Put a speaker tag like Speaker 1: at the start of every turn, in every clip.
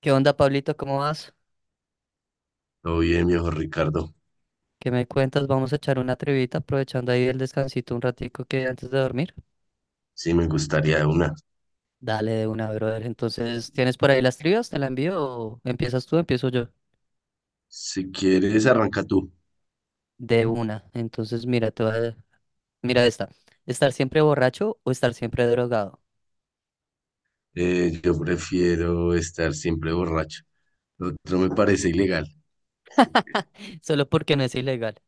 Speaker 1: ¿Qué onda, Pablito? ¿Cómo vas?
Speaker 2: Todo bien, viejo Ricardo.
Speaker 1: ¿Qué me cuentas? Vamos a echar una trivita aprovechando ahí el descansito un ratico que antes de dormir.
Speaker 2: Sí, me gustaría de una.
Speaker 1: Dale de una, brother. Entonces, ¿tienes por ahí las trivias? ¿Te la envío o empiezas tú, empiezo yo?
Speaker 2: Si quieres, arranca tú.
Speaker 1: De una. Entonces, mira, mira esta. ¿Estar siempre borracho o estar siempre drogado?
Speaker 2: Yo prefiero estar siempre borracho. Lo otro me parece ilegal.
Speaker 1: Solo porque no es ilegal.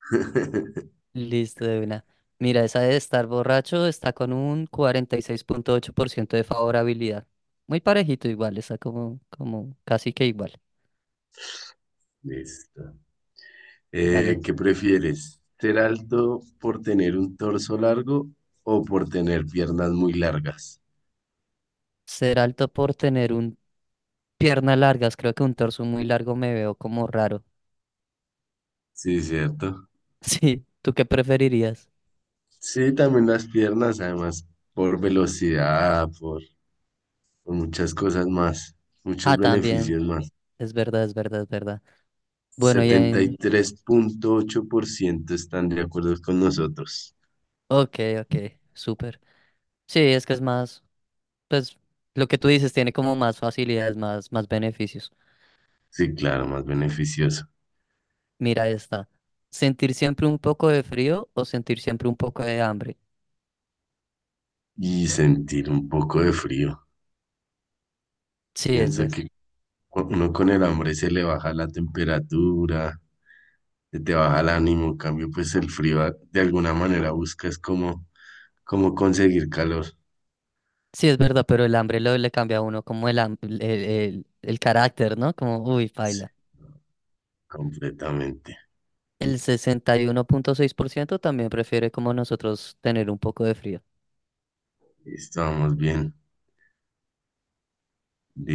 Speaker 1: Listo, de una. Mira, esa de estar borracho está con un 46.8% de favorabilidad. Muy parejito igual, está como casi que igual.
Speaker 2: Listo.
Speaker 1: Dale.
Speaker 2: ¿Qué prefieres? ¿Ser alto por tener un torso largo o por tener piernas muy largas?
Speaker 1: Ser alto por tener un piernas largas, creo que un torso muy largo me veo como raro.
Speaker 2: Sí, cierto.
Speaker 1: Sí, ¿tú qué preferirías?
Speaker 2: Sí, también las piernas, además, por velocidad, por muchas cosas más, muchos
Speaker 1: Ah, también,
Speaker 2: beneficios más.
Speaker 1: es verdad, es verdad, es verdad. Bueno, ya
Speaker 2: setenta y
Speaker 1: en...
Speaker 2: tres punto ocho por ciento están de acuerdo con nosotros.
Speaker 1: Ok, ok, súper. Sí, es que es más, pues lo que tú dices tiene como más facilidades, más beneficios.
Speaker 2: Sí, claro, más beneficioso.
Speaker 1: Mira esta. ¿Sentir siempre un poco de frío o sentir siempre un poco de hambre?
Speaker 2: Y sentir un poco de frío.
Speaker 1: Sí, es
Speaker 2: Pienso
Speaker 1: ver.
Speaker 2: que uno con el hambre se le baja la temperatura, se te baja el ánimo. En cambio, pues el frío de alguna manera buscas como conseguir calor.
Speaker 1: Sí, es verdad, pero el hambre le cambia a uno como el, ham- el carácter, ¿no? Como, uy,
Speaker 2: Sí,
Speaker 1: paila.
Speaker 2: completamente.
Speaker 1: El 61.6% también prefiere como nosotros tener un poco de frío.
Speaker 2: Estamos bien.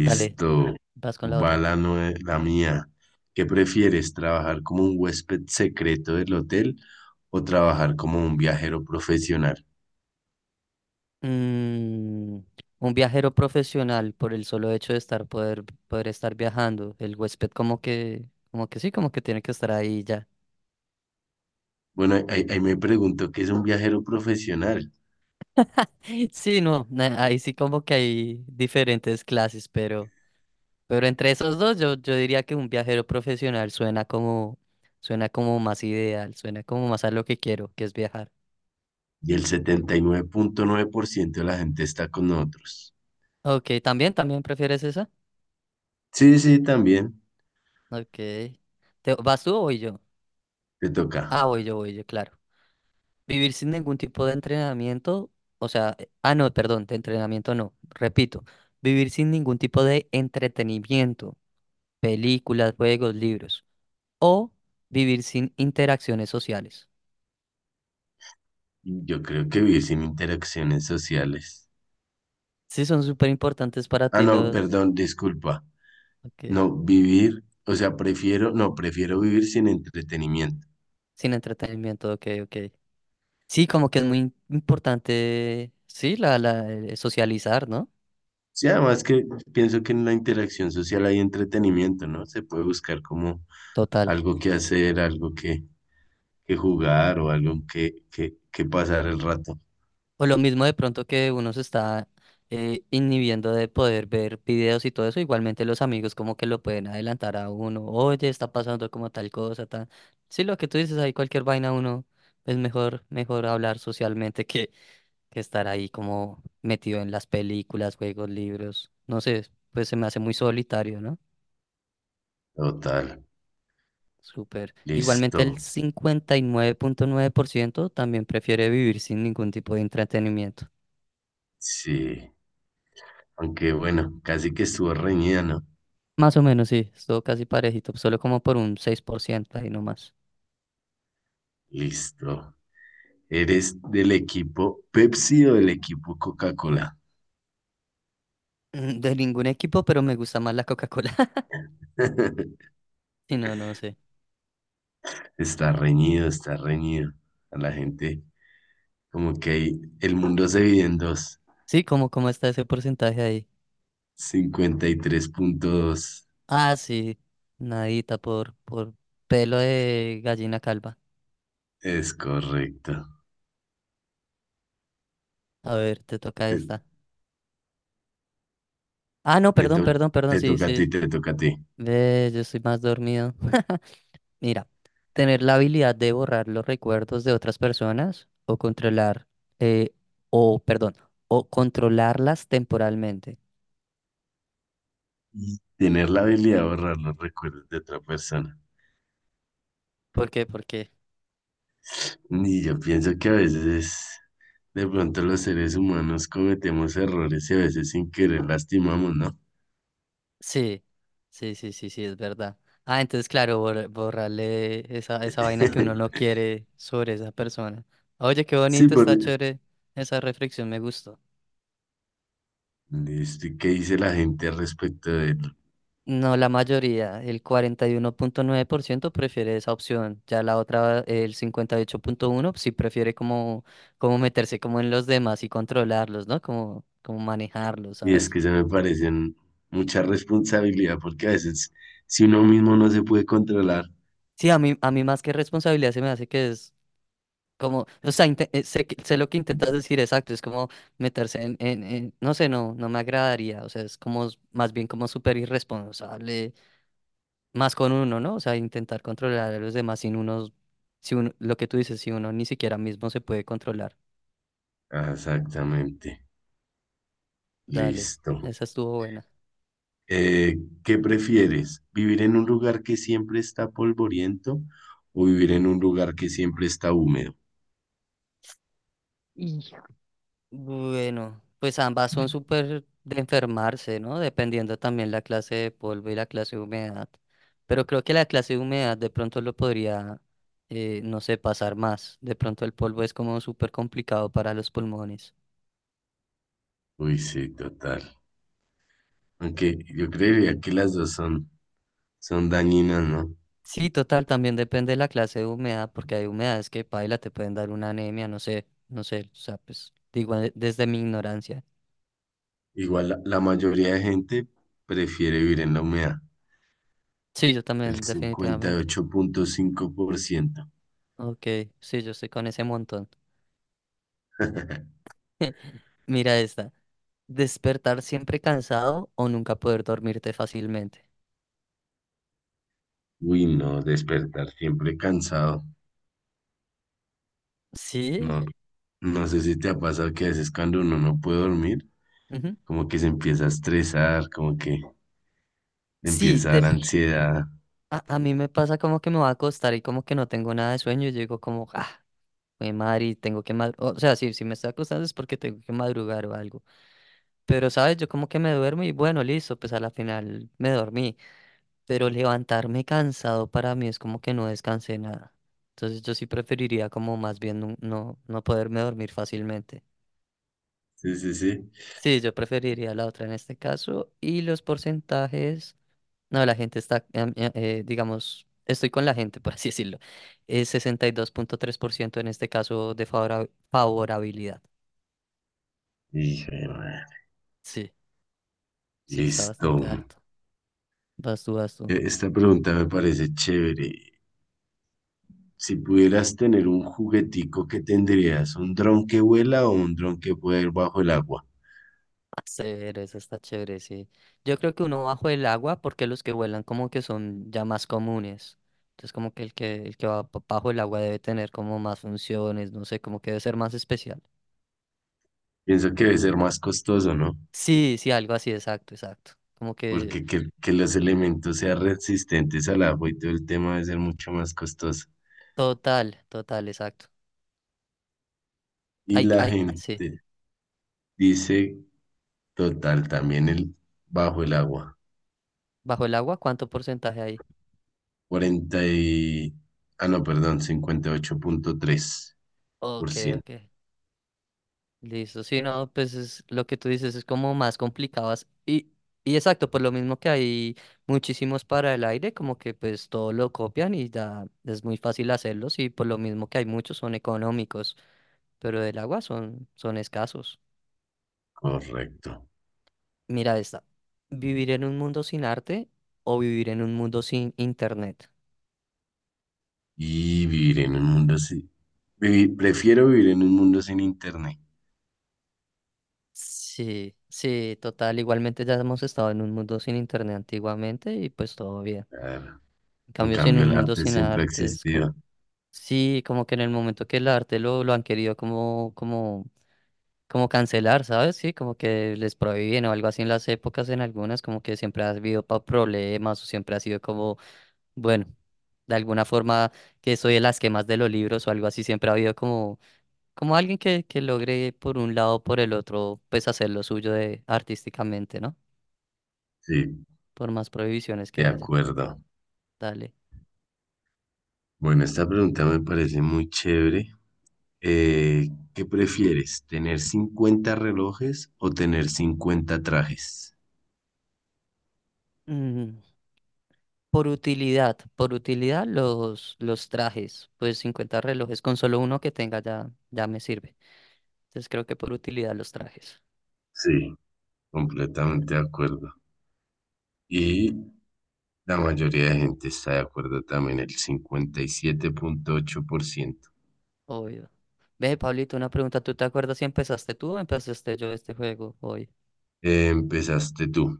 Speaker 1: Dale, vas con la
Speaker 2: Va
Speaker 1: otra.
Speaker 2: la mía. ¿Qué prefieres, trabajar como un huésped secreto del hotel o trabajar como un viajero profesional?
Speaker 1: Mm, un viajero profesional por el solo hecho de poder estar viajando. El huésped como que sí, como que tiene que estar ahí ya.
Speaker 2: Bueno, ahí me pregunto qué es un viajero profesional
Speaker 1: Sí, no, ahí sí como que hay diferentes clases, pero entre esos dos yo diría que un viajero profesional suena como más ideal, suena como más a lo que quiero, que es viajar.
Speaker 2: y el 79.9% de la gente está con nosotros.
Speaker 1: Ok, también prefieres esa?
Speaker 2: Sí, sí, también
Speaker 1: Ok. ¿Vas tú o voy yo?
Speaker 2: te toca.
Speaker 1: Ah, voy yo, claro. Vivir sin ningún tipo de entrenamiento, o sea, ah, no, perdón, de entrenamiento no, repito, vivir sin ningún tipo de entretenimiento, películas, juegos, libros, o vivir sin interacciones sociales.
Speaker 2: Yo creo que vivir sin interacciones sociales.
Speaker 1: Sí, son súper importantes para
Speaker 2: Ah,
Speaker 1: ti
Speaker 2: no,
Speaker 1: los...
Speaker 2: perdón, disculpa.
Speaker 1: Ok,
Speaker 2: No, vivir, o sea, prefiero, no, prefiero vivir sin entretenimiento.
Speaker 1: sin entretenimiento, ok, ok. Sí, como que es muy importante, sí, socializar, ¿no?
Speaker 2: Sí, además que pienso que en la interacción social hay entretenimiento, ¿no? Se puede buscar como
Speaker 1: Total.
Speaker 2: algo que hacer, algo que jugar o algo que pasar el rato.
Speaker 1: O lo mismo de pronto que uno se está inhibiendo de poder ver videos y todo eso, igualmente los amigos como que lo pueden adelantar a uno, oye, está pasando como tal cosa, tal. Sí, lo que tú dices, ahí cualquier vaina uno es mejor, mejor hablar socialmente que estar ahí como metido en las películas, juegos, libros. No sé, pues se me hace muy solitario, ¿no?
Speaker 2: Total,
Speaker 1: Súper. Igualmente el
Speaker 2: listo.
Speaker 1: cincuenta y nueve punto nueve por ciento también prefiere vivir sin ningún tipo de entretenimiento.
Speaker 2: Sí, aunque bueno, casi que estuvo reñida, ¿no?
Speaker 1: Más o menos, sí, estuvo casi parejito, solo como por un 6% ahí nomás.
Speaker 2: Listo. ¿Eres del equipo Pepsi o del equipo Coca-Cola?
Speaker 1: Mm, de ningún equipo, pero me gusta más la Coca-Cola. Si no, no sé.
Speaker 2: Está reñido, está reñido. A la gente, como que ahí el mundo se divide en dos.
Speaker 1: Sí, como ¿cómo está ese porcentaje ahí?
Speaker 2: 53.2.
Speaker 1: Ah, sí, nadita por pelo de gallina calva.
Speaker 2: Es correcto.
Speaker 1: A ver, te toca
Speaker 2: Te,
Speaker 1: esta. Ah, no,
Speaker 2: me
Speaker 1: perdón,
Speaker 2: to-
Speaker 1: perdón,
Speaker 2: te
Speaker 1: perdón, sí,
Speaker 2: toca a ti,
Speaker 1: sí.
Speaker 2: te toca a ti.
Speaker 1: Ve, yo estoy más dormido. Mira, tener la habilidad de borrar los recuerdos de otras personas o controlar, eh, o, perdón, o controlarlas temporalmente.
Speaker 2: Y tener la habilidad de borrar los recuerdos de otra persona.
Speaker 1: ¿Por qué? Porque
Speaker 2: Y yo pienso que a veces, de pronto, los seres humanos cometemos errores y a veces sin querer lastimamos, ¿no?
Speaker 1: sí, sí, sí, sí, sí, es verdad. Ah, entonces, claro, borrarle esa vaina que uno no quiere sobre esa persona. Oye, qué
Speaker 2: Sí,
Speaker 1: bonito,
Speaker 2: por...
Speaker 1: está chévere. Esa reflexión me gustó.
Speaker 2: Listo, ¿y qué dice la gente al respecto de él?
Speaker 1: No, la mayoría, el 41.9% prefiere esa opción. Ya la otra, el 58.1 sí prefiere como meterse como en los demás y controlarlos, ¿no? Como manejarlos,
Speaker 2: Y es
Speaker 1: ¿sabes?
Speaker 2: que se me parecen mucha responsabilidad porque a veces si uno mismo no se puede controlar.
Speaker 1: Sí, a mí más que responsabilidad se me hace que es como, o sea, sé lo que intentas decir, exacto, es como meterse no sé, no, no me agradaría, o sea, es como, más bien como súper irresponsable, más con uno, ¿no? O sea, intentar controlar a los demás sin unos, si uno, lo que tú dices, si uno ni siquiera mismo se puede controlar.
Speaker 2: Ah, exactamente.
Speaker 1: Dale,
Speaker 2: Listo.
Speaker 1: esa estuvo buena.
Speaker 2: Eh, ¿Qué prefieres? ¿Vivir en un lugar que siempre está polvoriento o vivir en un lugar que siempre está húmedo?
Speaker 1: Bueno, pues ambas son súper de enfermarse, ¿no? Dependiendo también la clase de polvo y la clase de humedad. Pero creo que la clase de humedad de pronto lo podría, no sé, pasar más. De pronto el polvo es como súper complicado para los pulmones.
Speaker 2: Uy, sí, total. Aunque yo creería que las dos son, dañinas, ¿no?
Speaker 1: Sí, total, también depende de la clase de humedad, porque hay humedades que, paila, te pueden dar una anemia, no sé, no sé, o sea, pues digo desde mi ignorancia.
Speaker 2: Igual la mayoría de gente prefiere vivir en la humedad,
Speaker 1: Sí, yo
Speaker 2: el
Speaker 1: también,
Speaker 2: cincuenta y
Speaker 1: definitivamente.
Speaker 2: ocho punto cinco por ciento.
Speaker 1: Ok, sí, yo estoy con ese montón. Mira esta. Despertar siempre cansado o nunca poder dormirte fácilmente.
Speaker 2: Uy, no, despertar siempre cansado.
Speaker 1: Sí,
Speaker 2: No, no sé si te ha pasado que a veces cuando uno no puede dormir,
Speaker 1: ujú.
Speaker 2: como que se empieza a estresar, como que
Speaker 1: Sí,
Speaker 2: empieza a dar, sí, ansiedad.
Speaker 1: a mí me pasa como que me va a acostar y como que no tengo nada de sueño. Y yo digo como, ah, mi madre, y tengo que madrugar. O sea, sí, si me estoy acostando es porque tengo que madrugar o algo. Pero, ¿sabes? Yo como que me duermo y bueno, listo, pues a la final me dormí. Pero levantarme cansado para mí es como que no descansé nada. Entonces yo sí preferiría como más bien no poderme dormir fácilmente.
Speaker 2: Sí, sí, sí.
Speaker 1: Sí, yo preferiría la otra en este caso. Y los porcentajes, no, la gente está, digamos, estoy con la gente, por así decirlo. Es 62.3% en este caso de favorabilidad.
Speaker 2: Y dije, "Bueno,
Speaker 1: Sí, sí, está
Speaker 2: listo."
Speaker 1: bastante alto. Vas tú, vas tú.
Speaker 2: Esta pregunta me parece chévere. Si pudieras tener un juguetico, ¿qué tendrías? ¿Un dron que vuela o un dron que pueda ir bajo el agua?
Speaker 1: Chévere, eso está chévere, sí. Yo creo que uno bajo el agua, porque los que vuelan como que son ya más comunes. Entonces como que el que va bajo el agua debe tener como más funciones, no sé, como que debe ser más especial.
Speaker 2: Pienso que debe ser más costoso, ¿no?
Speaker 1: Sí, sí, algo así, exacto, exacto. Como que
Speaker 2: Porque que los elementos sean resistentes al agua y todo el tema debe ser mucho más costoso.
Speaker 1: total, total, exacto.
Speaker 2: Y
Speaker 1: Ay,
Speaker 2: la
Speaker 1: ay, sí.
Speaker 2: gente dice, total, también el bajo el agua.
Speaker 1: ¿Bajo el agua cuánto porcentaje hay?
Speaker 2: 40 y... Ah, no, perdón, cincuenta y ocho punto tres por
Speaker 1: Ok,
Speaker 2: ciento
Speaker 1: ok. Listo. Sí, no, pues es, lo que tú dices es como más complicadas. Y exacto, por lo mismo que hay muchísimos para el aire, como que pues todo lo copian y ya es muy fácil hacerlos y por lo mismo que hay muchos son económicos, pero del agua son escasos.
Speaker 2: Correcto.
Speaker 1: Mira esta. ¿Vivir en un mundo sin arte o vivir en un mundo sin internet?
Speaker 2: Y vivir en un mundo sin... vivi- Prefiero vivir en un mundo sin internet.
Speaker 1: Sí, sí, total. Igualmente ya hemos estado en un mundo sin internet antiguamente y pues todo bien.
Speaker 2: Claro.
Speaker 1: En
Speaker 2: En
Speaker 1: cambio, sin
Speaker 2: cambio,
Speaker 1: un
Speaker 2: el
Speaker 1: mundo
Speaker 2: arte
Speaker 1: sin
Speaker 2: siempre ha
Speaker 1: arte es como...
Speaker 2: existido.
Speaker 1: Sí, como que en el momento que el arte lo han querido como, como cancelar, ¿sabes? Sí, como que les prohíben o algo así en las épocas, en algunas, como que siempre ha habido problemas o siempre ha sido como, bueno, de alguna forma que soy de las quemas de los libros o algo así, siempre ha habido como alguien que logre por un lado o por el otro, pues hacer lo suyo de, artísticamente, ¿no?
Speaker 2: Sí,
Speaker 1: Por más prohibiciones que
Speaker 2: de
Speaker 1: haya.
Speaker 2: acuerdo.
Speaker 1: Dale.
Speaker 2: Bueno, esta pregunta me parece muy chévere. Eh, ¿Qué prefieres? ¿Tener 50 relojes o tener 50 trajes?
Speaker 1: Mm, por utilidad, por utilidad los trajes, pues 50 relojes, con solo uno que tenga ya, ya me sirve. Entonces creo que por utilidad los trajes,
Speaker 2: Sí, completamente de acuerdo. Y la mayoría de gente está de acuerdo también, el 57.8%.
Speaker 1: obvio. Ve, Pablito, una pregunta, ¿tú te acuerdas si empezaste tú o empezaste yo este juego hoy?
Speaker 2: Empezaste tú.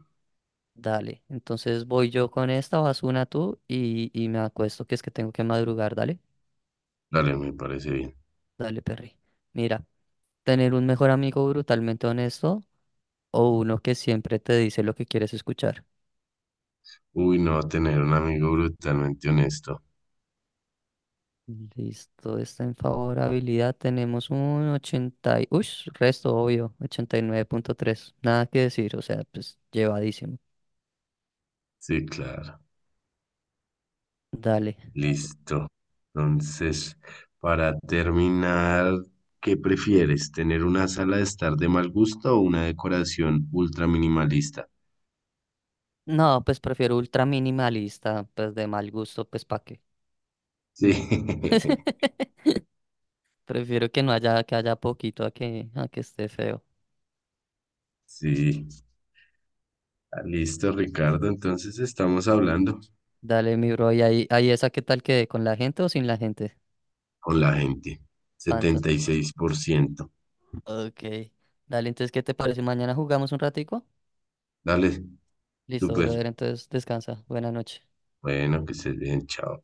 Speaker 1: Dale, entonces voy yo con esta, vas una tú y me acuesto, que es que tengo que madrugar, dale,
Speaker 2: Dale, me parece bien.
Speaker 1: dale, Perry. Mira. ¿Tener un mejor amigo brutalmente honesto o uno que siempre te dice lo que quieres escuchar?
Speaker 2: Uy, no, tener un amigo brutalmente honesto.
Speaker 1: Listo, está en favorabilidad. Tenemos un 80 y... Uy, resto obvio, 89.3. Nada que decir, o sea, pues llevadísimo.
Speaker 2: Sí, claro.
Speaker 1: Dale.
Speaker 2: Listo. Entonces, para terminar, ¿qué prefieres? ¿Tener una sala de estar de mal gusto o una decoración ultra minimalista?
Speaker 1: No, pues prefiero ultra minimalista, pues de mal gusto, pues pa' qué.
Speaker 2: Sí,
Speaker 1: No. Prefiero que no haya, que haya poquito a que esté feo.
Speaker 2: sí. Ah, listo, Ricardo. Entonces estamos hablando
Speaker 1: Dale, mi bro, y ahí, esa qué tal que con la gente o sin la gente.
Speaker 2: con la gente.
Speaker 1: Panto.
Speaker 2: 76%.
Speaker 1: Ok. Dale, entonces, ¿qué te parece? Mañana jugamos un ratico.
Speaker 2: Dale,
Speaker 1: Listo,
Speaker 2: súper.
Speaker 1: brother, entonces descansa. Buena noche.
Speaker 2: Bueno, que se den, chao.